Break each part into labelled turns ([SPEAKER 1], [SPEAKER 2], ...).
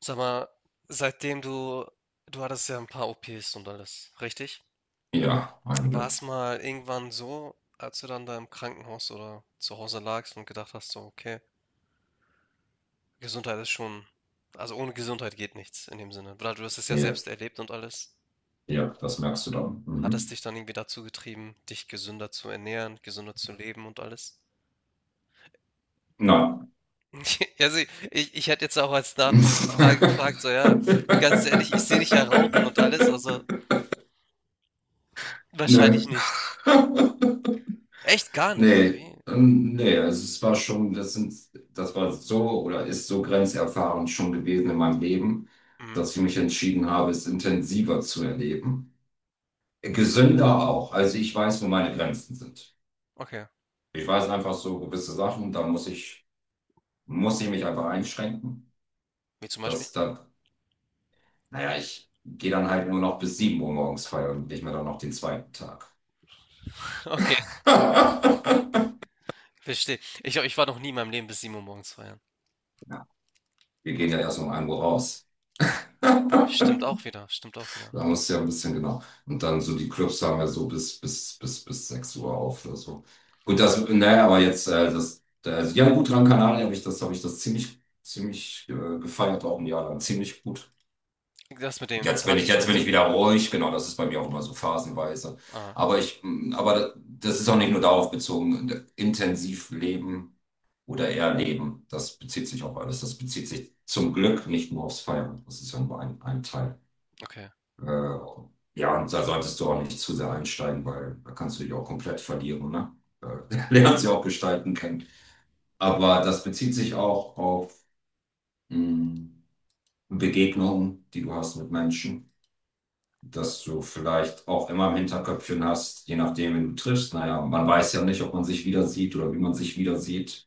[SPEAKER 1] Sag mal, seitdem du hattest ja ein paar OPs und alles, richtig?
[SPEAKER 2] Ja,
[SPEAKER 1] War
[SPEAKER 2] einige.
[SPEAKER 1] es mal irgendwann so, als du dann da im Krankenhaus oder zu Hause lagst und gedacht hast so: „Okay, Gesundheit ist schon, ohne Gesundheit geht nichts", in dem Sinne. Weil du hast es ja
[SPEAKER 2] Ja,
[SPEAKER 1] selbst erlebt und alles.
[SPEAKER 2] ja, das merkst du dann.
[SPEAKER 1] Hat es
[SPEAKER 2] Mhm.
[SPEAKER 1] dich dann irgendwie dazu getrieben, dich gesünder zu ernähren, gesünder zu leben und alles?
[SPEAKER 2] Nein.
[SPEAKER 1] Also, ich hätte jetzt auch als nachfolgende Frage gefragt, so ja, ganz ehrlich, ich sehe dich ja rauchen und alles, also wahrscheinlich
[SPEAKER 2] Nö.
[SPEAKER 1] nicht. Echt gar nicht, oder
[SPEAKER 2] Nee.
[SPEAKER 1] wie?
[SPEAKER 2] Nee, also es war schon, das war so oder ist so grenzerfahrend schon gewesen in meinem Leben,
[SPEAKER 1] Mhm.
[SPEAKER 2] dass ich mich entschieden habe, es intensiver zu erleben. Gesünder auch. Also ich weiß, wo meine Grenzen sind.
[SPEAKER 1] Okay.
[SPEAKER 2] Ich weiß einfach so gewisse Sachen, da muss ich mich einfach einschränken.
[SPEAKER 1] Wie zum Beispiel?
[SPEAKER 2] Das, da Naja, ich gehe dann halt nur noch bis 7 Uhr morgens feiern und nicht mehr dann noch den zweiten Tag.
[SPEAKER 1] Okay, verstehe. Ich war noch nie in meinem Leben bis 7 Uhr morgens feiern.
[SPEAKER 2] Ja, wir
[SPEAKER 1] Ah,
[SPEAKER 2] gehen ja erst um 1 Uhr raus.
[SPEAKER 1] stimmt auch wieder, stimmt auch wieder.
[SPEAKER 2] Da musst du ja ein bisschen genau. Und dann so die Clubs haben ja so bis 6 Uhr auf oder so. Gut, das, naja, aber jetzt, das, also, ja, gut, Gran Canaria habe ich das ziemlich, ziemlich gefeiert, auch ein Jahr lang, ziemlich gut.
[SPEAKER 1] Das mit den
[SPEAKER 2] Jetzt bin ich,
[SPEAKER 1] Partys,
[SPEAKER 2] jetzt
[SPEAKER 1] meinst
[SPEAKER 2] bin
[SPEAKER 1] du?
[SPEAKER 2] ich wieder ruhig, genau, das ist bei mir auch immer so phasenweise.
[SPEAKER 1] Ah,
[SPEAKER 2] Aber das ist auch nicht nur darauf bezogen, intensiv leben oder eher leben. Das bezieht sich auf alles. Das bezieht sich zum Glück nicht nur aufs Feiern. Das ist ja nur ein Teil.
[SPEAKER 1] okay.
[SPEAKER 2] Äh, ja, und da solltest du auch nicht zu sehr einsteigen, weil da kannst du dich auch komplett verlieren, ne? Lernst ja auch gestalten kennen. Aber das bezieht sich auch auf mm, Begegnungen, die du hast mit Menschen, dass du vielleicht auch immer im Hinterköpfchen hast, je nachdem, wen du triffst. Naja, man weiß ja nicht, ob man sich wieder sieht oder wie man sich wieder sieht.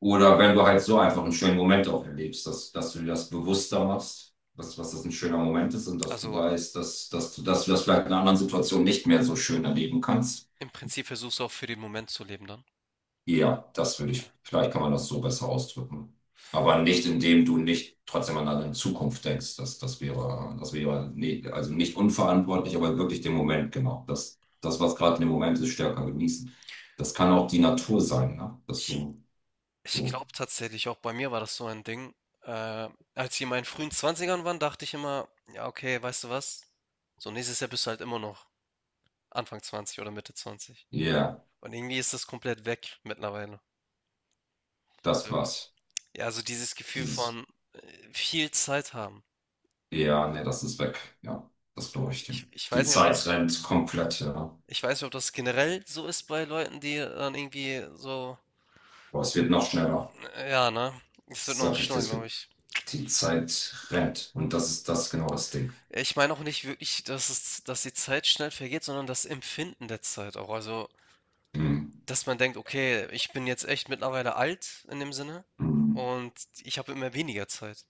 [SPEAKER 2] Oder wenn du halt so einfach einen schönen Moment auch erlebst, dass du dir das bewusster machst, was das ein schöner Moment ist und dass du
[SPEAKER 1] Also
[SPEAKER 2] weißt, dass du das vielleicht in einer anderen Situation nicht mehr so schön erleben kannst.
[SPEAKER 1] im Prinzip versuchst du auch für den Moment zu leben dann.
[SPEAKER 2] Ja, das würde
[SPEAKER 1] Okay.
[SPEAKER 2] ich, vielleicht kann man das so besser ausdrücken. Aber nicht, indem du nicht trotzdem an eine Zukunft denkst. Das wäre nee, also nicht unverantwortlich, aber wirklich den Moment, genau. Das, das, was gerade im Moment ist, stärker genießen. Das kann auch die Natur sein, ne? Dass
[SPEAKER 1] Ich,
[SPEAKER 2] du
[SPEAKER 1] ich
[SPEAKER 2] so,
[SPEAKER 1] glaube tatsächlich, auch bei mir war das so ein Ding. Äh, Als ich in meinen frühen Zwanzigern war, dachte ich immer, ja, okay, weißt du was? So nächstes Jahr bist du halt immer noch Anfang 20 oder Mitte 20.
[SPEAKER 2] ja, yeah,
[SPEAKER 1] Und irgendwie ist das komplett weg mittlerweile.
[SPEAKER 2] das
[SPEAKER 1] So,
[SPEAKER 2] war's.
[SPEAKER 1] ja, also dieses Gefühl
[SPEAKER 2] Dieses,
[SPEAKER 1] von, äh, viel Zeit haben.
[SPEAKER 2] ja, nee, das ist weg. Ja, das glaube ich
[SPEAKER 1] Ich
[SPEAKER 2] dir.
[SPEAKER 1] ich ich
[SPEAKER 2] Die
[SPEAKER 1] weiß nicht, ob
[SPEAKER 2] Zeit
[SPEAKER 1] das
[SPEAKER 2] rennt komplett, ja.
[SPEAKER 1] ich weiß nicht, ob das generell so ist bei Leuten, die dann irgendwie so
[SPEAKER 2] Aber es wird noch schneller.
[SPEAKER 1] ja, ne? Es wird
[SPEAKER 2] Das
[SPEAKER 1] noch
[SPEAKER 2] sage ich dir,
[SPEAKER 1] schlimmer,
[SPEAKER 2] es
[SPEAKER 1] glaube
[SPEAKER 2] wird,
[SPEAKER 1] ich.
[SPEAKER 2] die Zeit rennt. Und das ist das, genau das Ding.
[SPEAKER 1] Ich meine auch nicht wirklich, dass es dass die Zeit schnell vergeht, sondern das Empfinden der Zeit auch. Also,
[SPEAKER 2] Mhm.
[SPEAKER 1] dass man denkt: „Okay, ich bin jetzt echt mittlerweile alt in dem Sinne
[SPEAKER 2] Hm.
[SPEAKER 1] und ich habe immer weniger Zeit."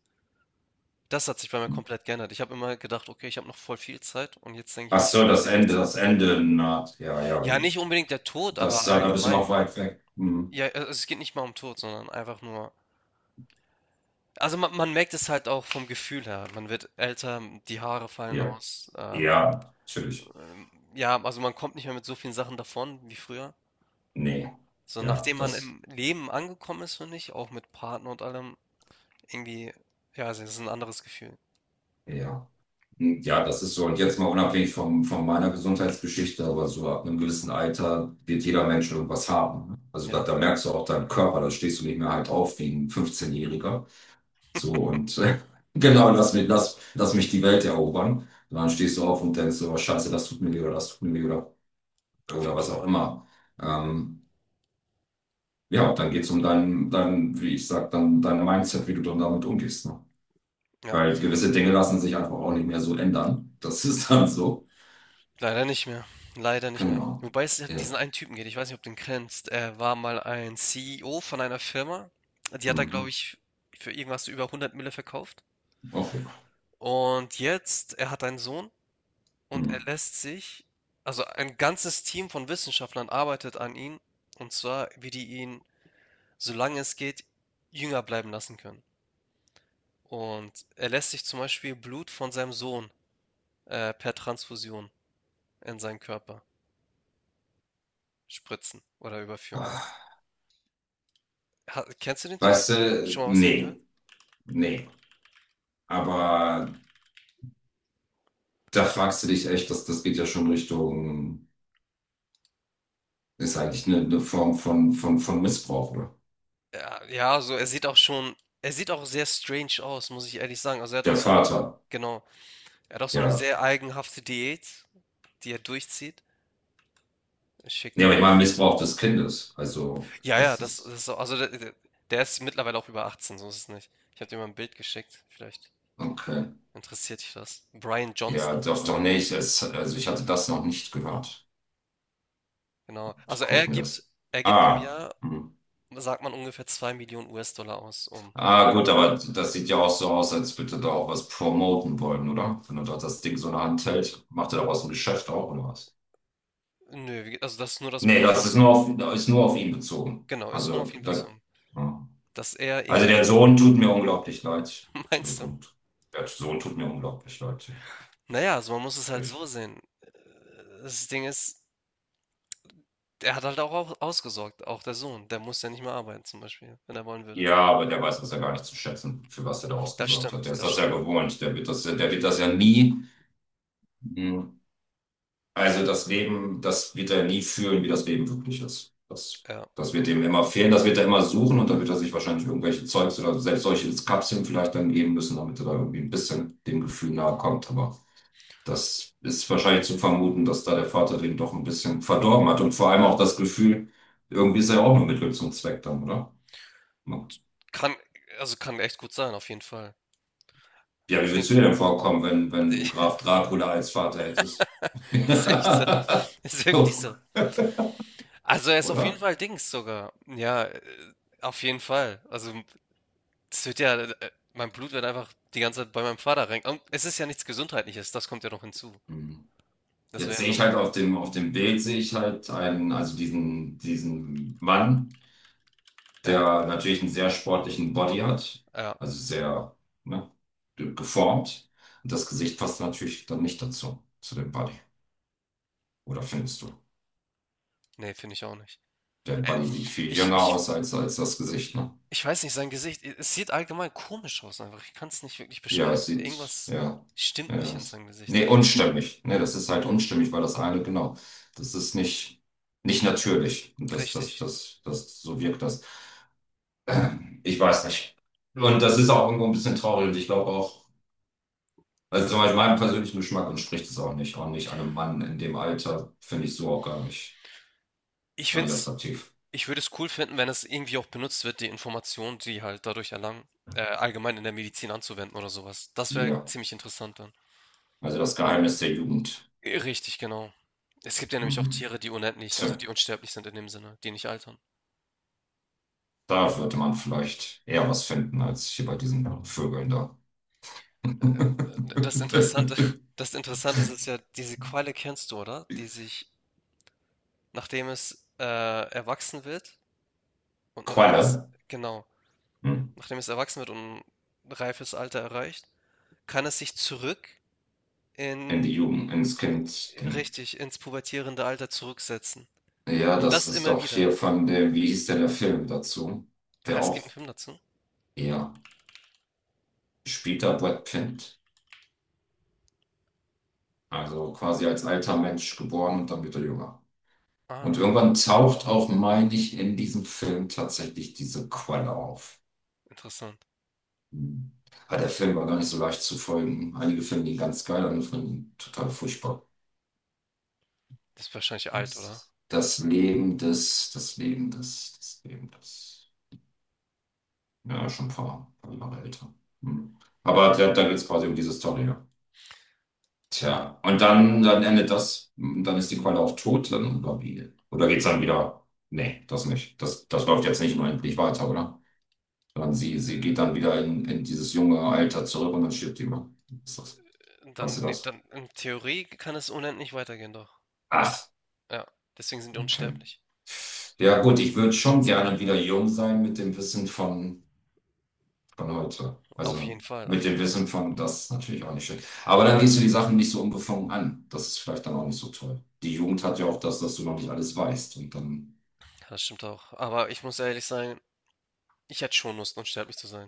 [SPEAKER 1] Das hat sich bei mir komplett geändert. Ich habe immer gedacht: „Okay, ich habe noch voll viel Zeit" und jetzt denke ich
[SPEAKER 2] Ach
[SPEAKER 1] mir: „Ich habe
[SPEAKER 2] so,
[SPEAKER 1] sehr wenig
[SPEAKER 2] Das
[SPEAKER 1] Zeit."
[SPEAKER 2] Ende naht. Ja, ja,
[SPEAKER 1] Ja, nicht
[SPEAKER 2] gut.
[SPEAKER 1] unbedingt der Tod,
[SPEAKER 2] Das,
[SPEAKER 1] aber
[SPEAKER 2] ja, da bist du noch
[SPEAKER 1] allgemein.
[SPEAKER 2] weit weg. Hm.
[SPEAKER 1] Ja, also es geht nicht mal um Tod, sondern einfach nur. Also man merkt es halt auch vom Gefühl her. Man wird älter, die Haare fallen
[SPEAKER 2] Ja,
[SPEAKER 1] aus.
[SPEAKER 2] ja, natürlich.
[SPEAKER 1] Ja, also man kommt nicht mehr mit so vielen Sachen davon wie früher.
[SPEAKER 2] Nee.
[SPEAKER 1] So
[SPEAKER 2] Ja,
[SPEAKER 1] nachdem man
[SPEAKER 2] das,
[SPEAKER 1] im Leben angekommen ist, finde ich, auch mit Partner und allem, irgendwie, ja, es ist ein anderes Gefühl.
[SPEAKER 2] ja. Hm, ja, das ist so. Und jetzt mal unabhängig von meiner Gesundheitsgeschichte, aber so ab einem gewissen Alter wird jeder Mensch irgendwas haben, ne? Also da,
[SPEAKER 1] Ja,
[SPEAKER 2] da merkst du auch deinen Körper, da stehst du nicht mehr halt auf wie ein 15-Jähriger. So und
[SPEAKER 1] ja,
[SPEAKER 2] genau, lass mich die Welt erobern. Und dann stehst du auf und denkst so, oh, Scheiße, das tut mir weh oder das tut mir weh oder
[SPEAKER 1] auf
[SPEAKER 2] oder
[SPEAKER 1] jeden
[SPEAKER 2] was auch
[SPEAKER 1] Fall.
[SPEAKER 2] immer. Ähm, ja, dann geht's um dein, wie ich sag, dann dein Mindset, wie du dann damit umgehst. Ne?
[SPEAKER 1] Ja.
[SPEAKER 2] Weil gewisse Dinge lassen sich einfach auch nicht mehr so ändern. Das ist dann so.
[SPEAKER 1] Leider nicht mehr. Leider nicht mehr.
[SPEAKER 2] Genau.
[SPEAKER 1] Wobei es ja
[SPEAKER 2] Ja.
[SPEAKER 1] diesen einen Typen geht, ich weiß nicht, ob du ihn kennst. Er war mal ein CEO von einer Firma. Die hat er,
[SPEAKER 2] Mhm.
[SPEAKER 1] glaube ich, für irgendwas über 100 Mille verkauft.
[SPEAKER 2] Auch ja.
[SPEAKER 1] Und jetzt, er hat einen Sohn und
[SPEAKER 2] Mhm.
[SPEAKER 1] er lässt sich, also ein ganzes Team von Wissenschaftlern arbeitet an ihm. Und zwar, wie die ihn, solange es geht, jünger bleiben lassen können. Und er lässt sich zum Beispiel Blut von seinem Sohn per Transfusion in seinen Körper spritzen oder überführen.
[SPEAKER 2] Ah,
[SPEAKER 1] Ha, kennst du den Typen?
[SPEAKER 2] weißt du,
[SPEAKER 1] Schon mal was von ihm gehört?
[SPEAKER 2] nee, nee. Aber da fragst du dich echt, das geht ja schon Richtung, ist eigentlich eine Form von Missbrauch, oder?
[SPEAKER 1] Ja, ja, so er sieht auch schon, er sieht auch sehr strange aus, muss ich ehrlich sagen. Also er hat auch
[SPEAKER 2] Der
[SPEAKER 1] so eine,
[SPEAKER 2] Vater.
[SPEAKER 1] genau, er hat auch so eine
[SPEAKER 2] Ja.
[SPEAKER 1] sehr eigenhafte Diät, die er durchzieht. Ich schick
[SPEAKER 2] Nee,
[SPEAKER 1] dir
[SPEAKER 2] aber ich
[SPEAKER 1] mal
[SPEAKER 2] meine
[SPEAKER 1] auf jeden Fall.
[SPEAKER 2] Missbrauch des Kindes. Also,
[SPEAKER 1] Ja, ja,
[SPEAKER 2] das
[SPEAKER 1] das, das
[SPEAKER 2] ist,
[SPEAKER 1] ist so, also der der ist mittlerweile auch über 18, so ist es nicht. Ich habe dir mal ein Bild geschickt, vielleicht
[SPEAKER 2] okay.
[SPEAKER 1] interessiert dich das. Brian
[SPEAKER 2] Ja,
[SPEAKER 1] Johnson
[SPEAKER 2] doch,
[SPEAKER 1] heißt
[SPEAKER 2] doch,
[SPEAKER 1] er.
[SPEAKER 2] nicht es, also ich hatte das noch nicht gehört.
[SPEAKER 1] Genau. Also
[SPEAKER 2] Guck mir das.
[SPEAKER 1] er gibt im
[SPEAKER 2] Ah,
[SPEAKER 1] Jahr,
[SPEAKER 2] hm.
[SPEAKER 1] sagt man, ungefähr 2 Millionen US-Dollar aus, um.
[SPEAKER 2] Ah, gut, aber das sieht ja auch so aus, als würde da auch was promoten wollen, oder? Wenn er da das Ding so in der Hand hält, macht er daraus ein Geschäft auch, oder was?
[SPEAKER 1] Nö, also das ist nur das
[SPEAKER 2] Nee,
[SPEAKER 1] Blut
[SPEAKER 2] das
[SPEAKER 1] von
[SPEAKER 2] ist nur
[SPEAKER 1] seinem.
[SPEAKER 2] auf, ist nur auf ihn bezogen.
[SPEAKER 1] Genau, ist nur
[SPEAKER 2] Also,
[SPEAKER 1] auf ihn
[SPEAKER 2] da,
[SPEAKER 1] bezogen.
[SPEAKER 2] ja.
[SPEAKER 1] Dass er
[SPEAKER 2] Also der
[SPEAKER 1] irgendwie
[SPEAKER 2] Sohn tut mir unglaublich leid. Der
[SPEAKER 1] meinst du?
[SPEAKER 2] Sohn, tu- der Sohn tut mir unglaublich leid, ja.
[SPEAKER 1] Naja, also man muss es halt so
[SPEAKER 2] Wirklich.
[SPEAKER 1] sehen. Das Ding ist, der hat halt auch au ausgesorgt, auch der Sohn. Der muss ja nicht mehr arbeiten zum Beispiel, wenn er wollen würde.
[SPEAKER 2] Ja, aber der weiß das ja gar nicht zu schätzen, für was er da
[SPEAKER 1] Das
[SPEAKER 2] ausgesorgt hat.
[SPEAKER 1] stimmt,
[SPEAKER 2] Der ist
[SPEAKER 1] das
[SPEAKER 2] das ja
[SPEAKER 1] stimmt.
[SPEAKER 2] gewohnt. Der wird das ja nie. Mhm. Also das Leben, das wird er nie fühlen, wie das Leben wirklich ist. Das,
[SPEAKER 1] Ja.
[SPEAKER 2] das wird ihm immer fehlen, das wird er immer suchen und dann wird er sich wahrscheinlich irgendwelche Zeugs oder selbst solche Kapseln vielleicht dann geben müssen, damit er da irgendwie ein bisschen dem Gefühl nahe kommt. Aber das ist wahrscheinlich zu vermuten, dass da der Vater den doch ein bisschen verdorben hat, und vor allem auch das Gefühl, irgendwie ist er ja auch nur Mittel zum Zweck dann, oder? Ja,
[SPEAKER 1] Kann Also kann echt gut sein, auf jeden Fall.
[SPEAKER 2] wie
[SPEAKER 1] Auf jeden
[SPEAKER 2] würdest du dir denn vorkommen, wenn du Graf Dracula als Vater hättest?
[SPEAKER 1] ist echt so. Ist wirklich so. Also er ist auf jeden
[SPEAKER 2] Oder?
[SPEAKER 1] Fall Dings sogar. Ja, auf jeden Fall. Also es wird ja, mein Blut wird einfach die ganze Zeit bei meinem Vater rein. Und es ist ja nichts Gesundheitliches, das kommt ja noch hinzu.
[SPEAKER 2] Mhm.
[SPEAKER 1] Das
[SPEAKER 2] Jetzt
[SPEAKER 1] wäre ja
[SPEAKER 2] sehe ich halt
[SPEAKER 1] nochmal.
[SPEAKER 2] auf dem Bild sehe ich halt einen, also diesen Mann,
[SPEAKER 1] Ja,
[SPEAKER 2] der natürlich einen sehr sportlichen Body hat,
[SPEAKER 1] ja.
[SPEAKER 2] also sehr, ne, geformt. Und das Gesicht passt natürlich dann nicht dazu, zu dem Body. Oder findest du?
[SPEAKER 1] Ne, finde ich auch nicht.
[SPEAKER 2] Der Body sieht viel
[SPEAKER 1] Ich
[SPEAKER 2] jünger
[SPEAKER 1] ich
[SPEAKER 2] aus als das Gesicht, ne?
[SPEAKER 1] ich weiß nicht, sein Gesicht, e es sieht allgemein komisch aus einfach. Ich kann es nicht wirklich
[SPEAKER 2] Ja,
[SPEAKER 1] beschreiben.
[SPEAKER 2] es sieht,
[SPEAKER 1] Irgendwas
[SPEAKER 2] ja,
[SPEAKER 1] stimmt nicht
[SPEAKER 2] ja,
[SPEAKER 1] in
[SPEAKER 2] es,
[SPEAKER 1] seinem Gesicht,
[SPEAKER 2] nee,
[SPEAKER 1] habe ich das Gefühl.
[SPEAKER 2] unstimmig. Nee, das ist halt unstimmig, weil das eine, genau, das ist nicht natürlich. Und das, das,
[SPEAKER 1] Richtig.
[SPEAKER 2] das, das, so wirkt das. Ich weiß nicht. Und das ist auch irgendwo ein bisschen traurig. Und ich glaube auch, also zum Beispiel meinem persönlichen Geschmack entspricht es auch nicht. Auch nicht einem Mann in dem Alter, finde ich, so auch
[SPEAKER 1] Ich
[SPEAKER 2] gar
[SPEAKER 1] finde
[SPEAKER 2] nicht
[SPEAKER 1] es
[SPEAKER 2] attraktiv.
[SPEAKER 1] ich würde es cool finden, wenn es irgendwie auch benutzt wird, die Informationen, die halt dadurch erlangen, allgemein in der Medizin anzuwenden oder sowas. Das wäre
[SPEAKER 2] Ja.
[SPEAKER 1] ziemlich interessant dann.
[SPEAKER 2] Also das Geheimnis der Jugend.
[SPEAKER 1] Richtig, genau. Es gibt ja nämlich auch
[SPEAKER 2] Mhm.
[SPEAKER 1] Tiere, die unendlich,
[SPEAKER 2] Tja,
[SPEAKER 1] also die unsterblich sind in dem Sinne, die nicht altern.
[SPEAKER 2] da würde man vielleicht eher was finden als hier bei diesen Vögeln da.
[SPEAKER 1] Das Interessante, das Interessante ist, ist ja, diese Qualle kennst du, oder? Die sich nachdem es erwachsen wird und ein reifes,
[SPEAKER 2] Qualle.
[SPEAKER 1] genau,
[SPEAKER 2] Hm.
[SPEAKER 1] nachdem es erwachsen wird und ein reifes Alter erreicht, kann es sich zurück
[SPEAKER 2] In
[SPEAKER 1] in,
[SPEAKER 2] die Jugend, ins Kind. Ding.
[SPEAKER 1] richtig, ins pubertierende Alter zurücksetzen.
[SPEAKER 2] Ja,
[SPEAKER 1] Und
[SPEAKER 2] das
[SPEAKER 1] das
[SPEAKER 2] ist
[SPEAKER 1] immer
[SPEAKER 2] doch
[SPEAKER 1] wieder.
[SPEAKER 2] hier von dem, wie hieß denn der Film dazu?
[SPEAKER 1] Ah,
[SPEAKER 2] Der
[SPEAKER 1] es gibt einen
[SPEAKER 2] auch,
[SPEAKER 1] Film dazu?
[SPEAKER 2] ja, spielt da Brad Pitt. Also quasi als alter Mensch geboren und dann wieder jünger. Und
[SPEAKER 1] Ah,
[SPEAKER 2] irgendwann taucht auch, meine ich, in diesem Film tatsächlich diese Quelle auf.
[SPEAKER 1] interessant.
[SPEAKER 2] Hm. Aber der Film war gar nicht so leicht zu folgen. Einige finden ihn ganz geil, andere finden ihn total furchtbar.
[SPEAKER 1] Das ist wahrscheinlich
[SPEAKER 2] Wie
[SPEAKER 1] alt,
[SPEAKER 2] ist
[SPEAKER 1] oder?
[SPEAKER 2] das? Das Leben des, das Leben des, das Leben des. Ja, schon ein paar Jahre älter. Hm. Aber da geht es quasi um diese Story, ja.
[SPEAKER 1] Ja,
[SPEAKER 2] Tja, und dann endet das, dann ist die Qualle auch tot, dann, oder wie? Oder geht's dann wieder? Nee, das nicht. Das läuft jetzt nicht unendlich weiter, oder? Sondern sie geht dann wieder in dieses junge Alter zurück und dann stirbt die mal. Ist das?
[SPEAKER 1] dann,
[SPEAKER 2] Weißt du
[SPEAKER 1] nee,
[SPEAKER 2] das?
[SPEAKER 1] dann in Theorie kann es unendlich weitergehen, doch.
[SPEAKER 2] Ach,
[SPEAKER 1] Ja, deswegen sind die
[SPEAKER 2] okay.
[SPEAKER 1] unsterblich.
[SPEAKER 2] Ja, gut, ich würde schon
[SPEAKER 1] Potenziell.
[SPEAKER 2] gerne wieder jung sein mit dem Wissen von heute.
[SPEAKER 1] Auf
[SPEAKER 2] Also
[SPEAKER 1] jeden Fall, auf
[SPEAKER 2] mit
[SPEAKER 1] jeden
[SPEAKER 2] dem
[SPEAKER 1] Fall.
[SPEAKER 2] Wissen von, das ist natürlich auch nicht schlecht. Aber dann gehst du die Sachen nicht so unbefangen an. Das ist vielleicht dann auch nicht so toll. Die Jugend hat ja auch das, dass du noch nicht alles weißt. Und dann.
[SPEAKER 1] Ja, das stimmt auch. Aber ich muss ehrlich sein, ich hätte schon Lust, unsterblich zu sein.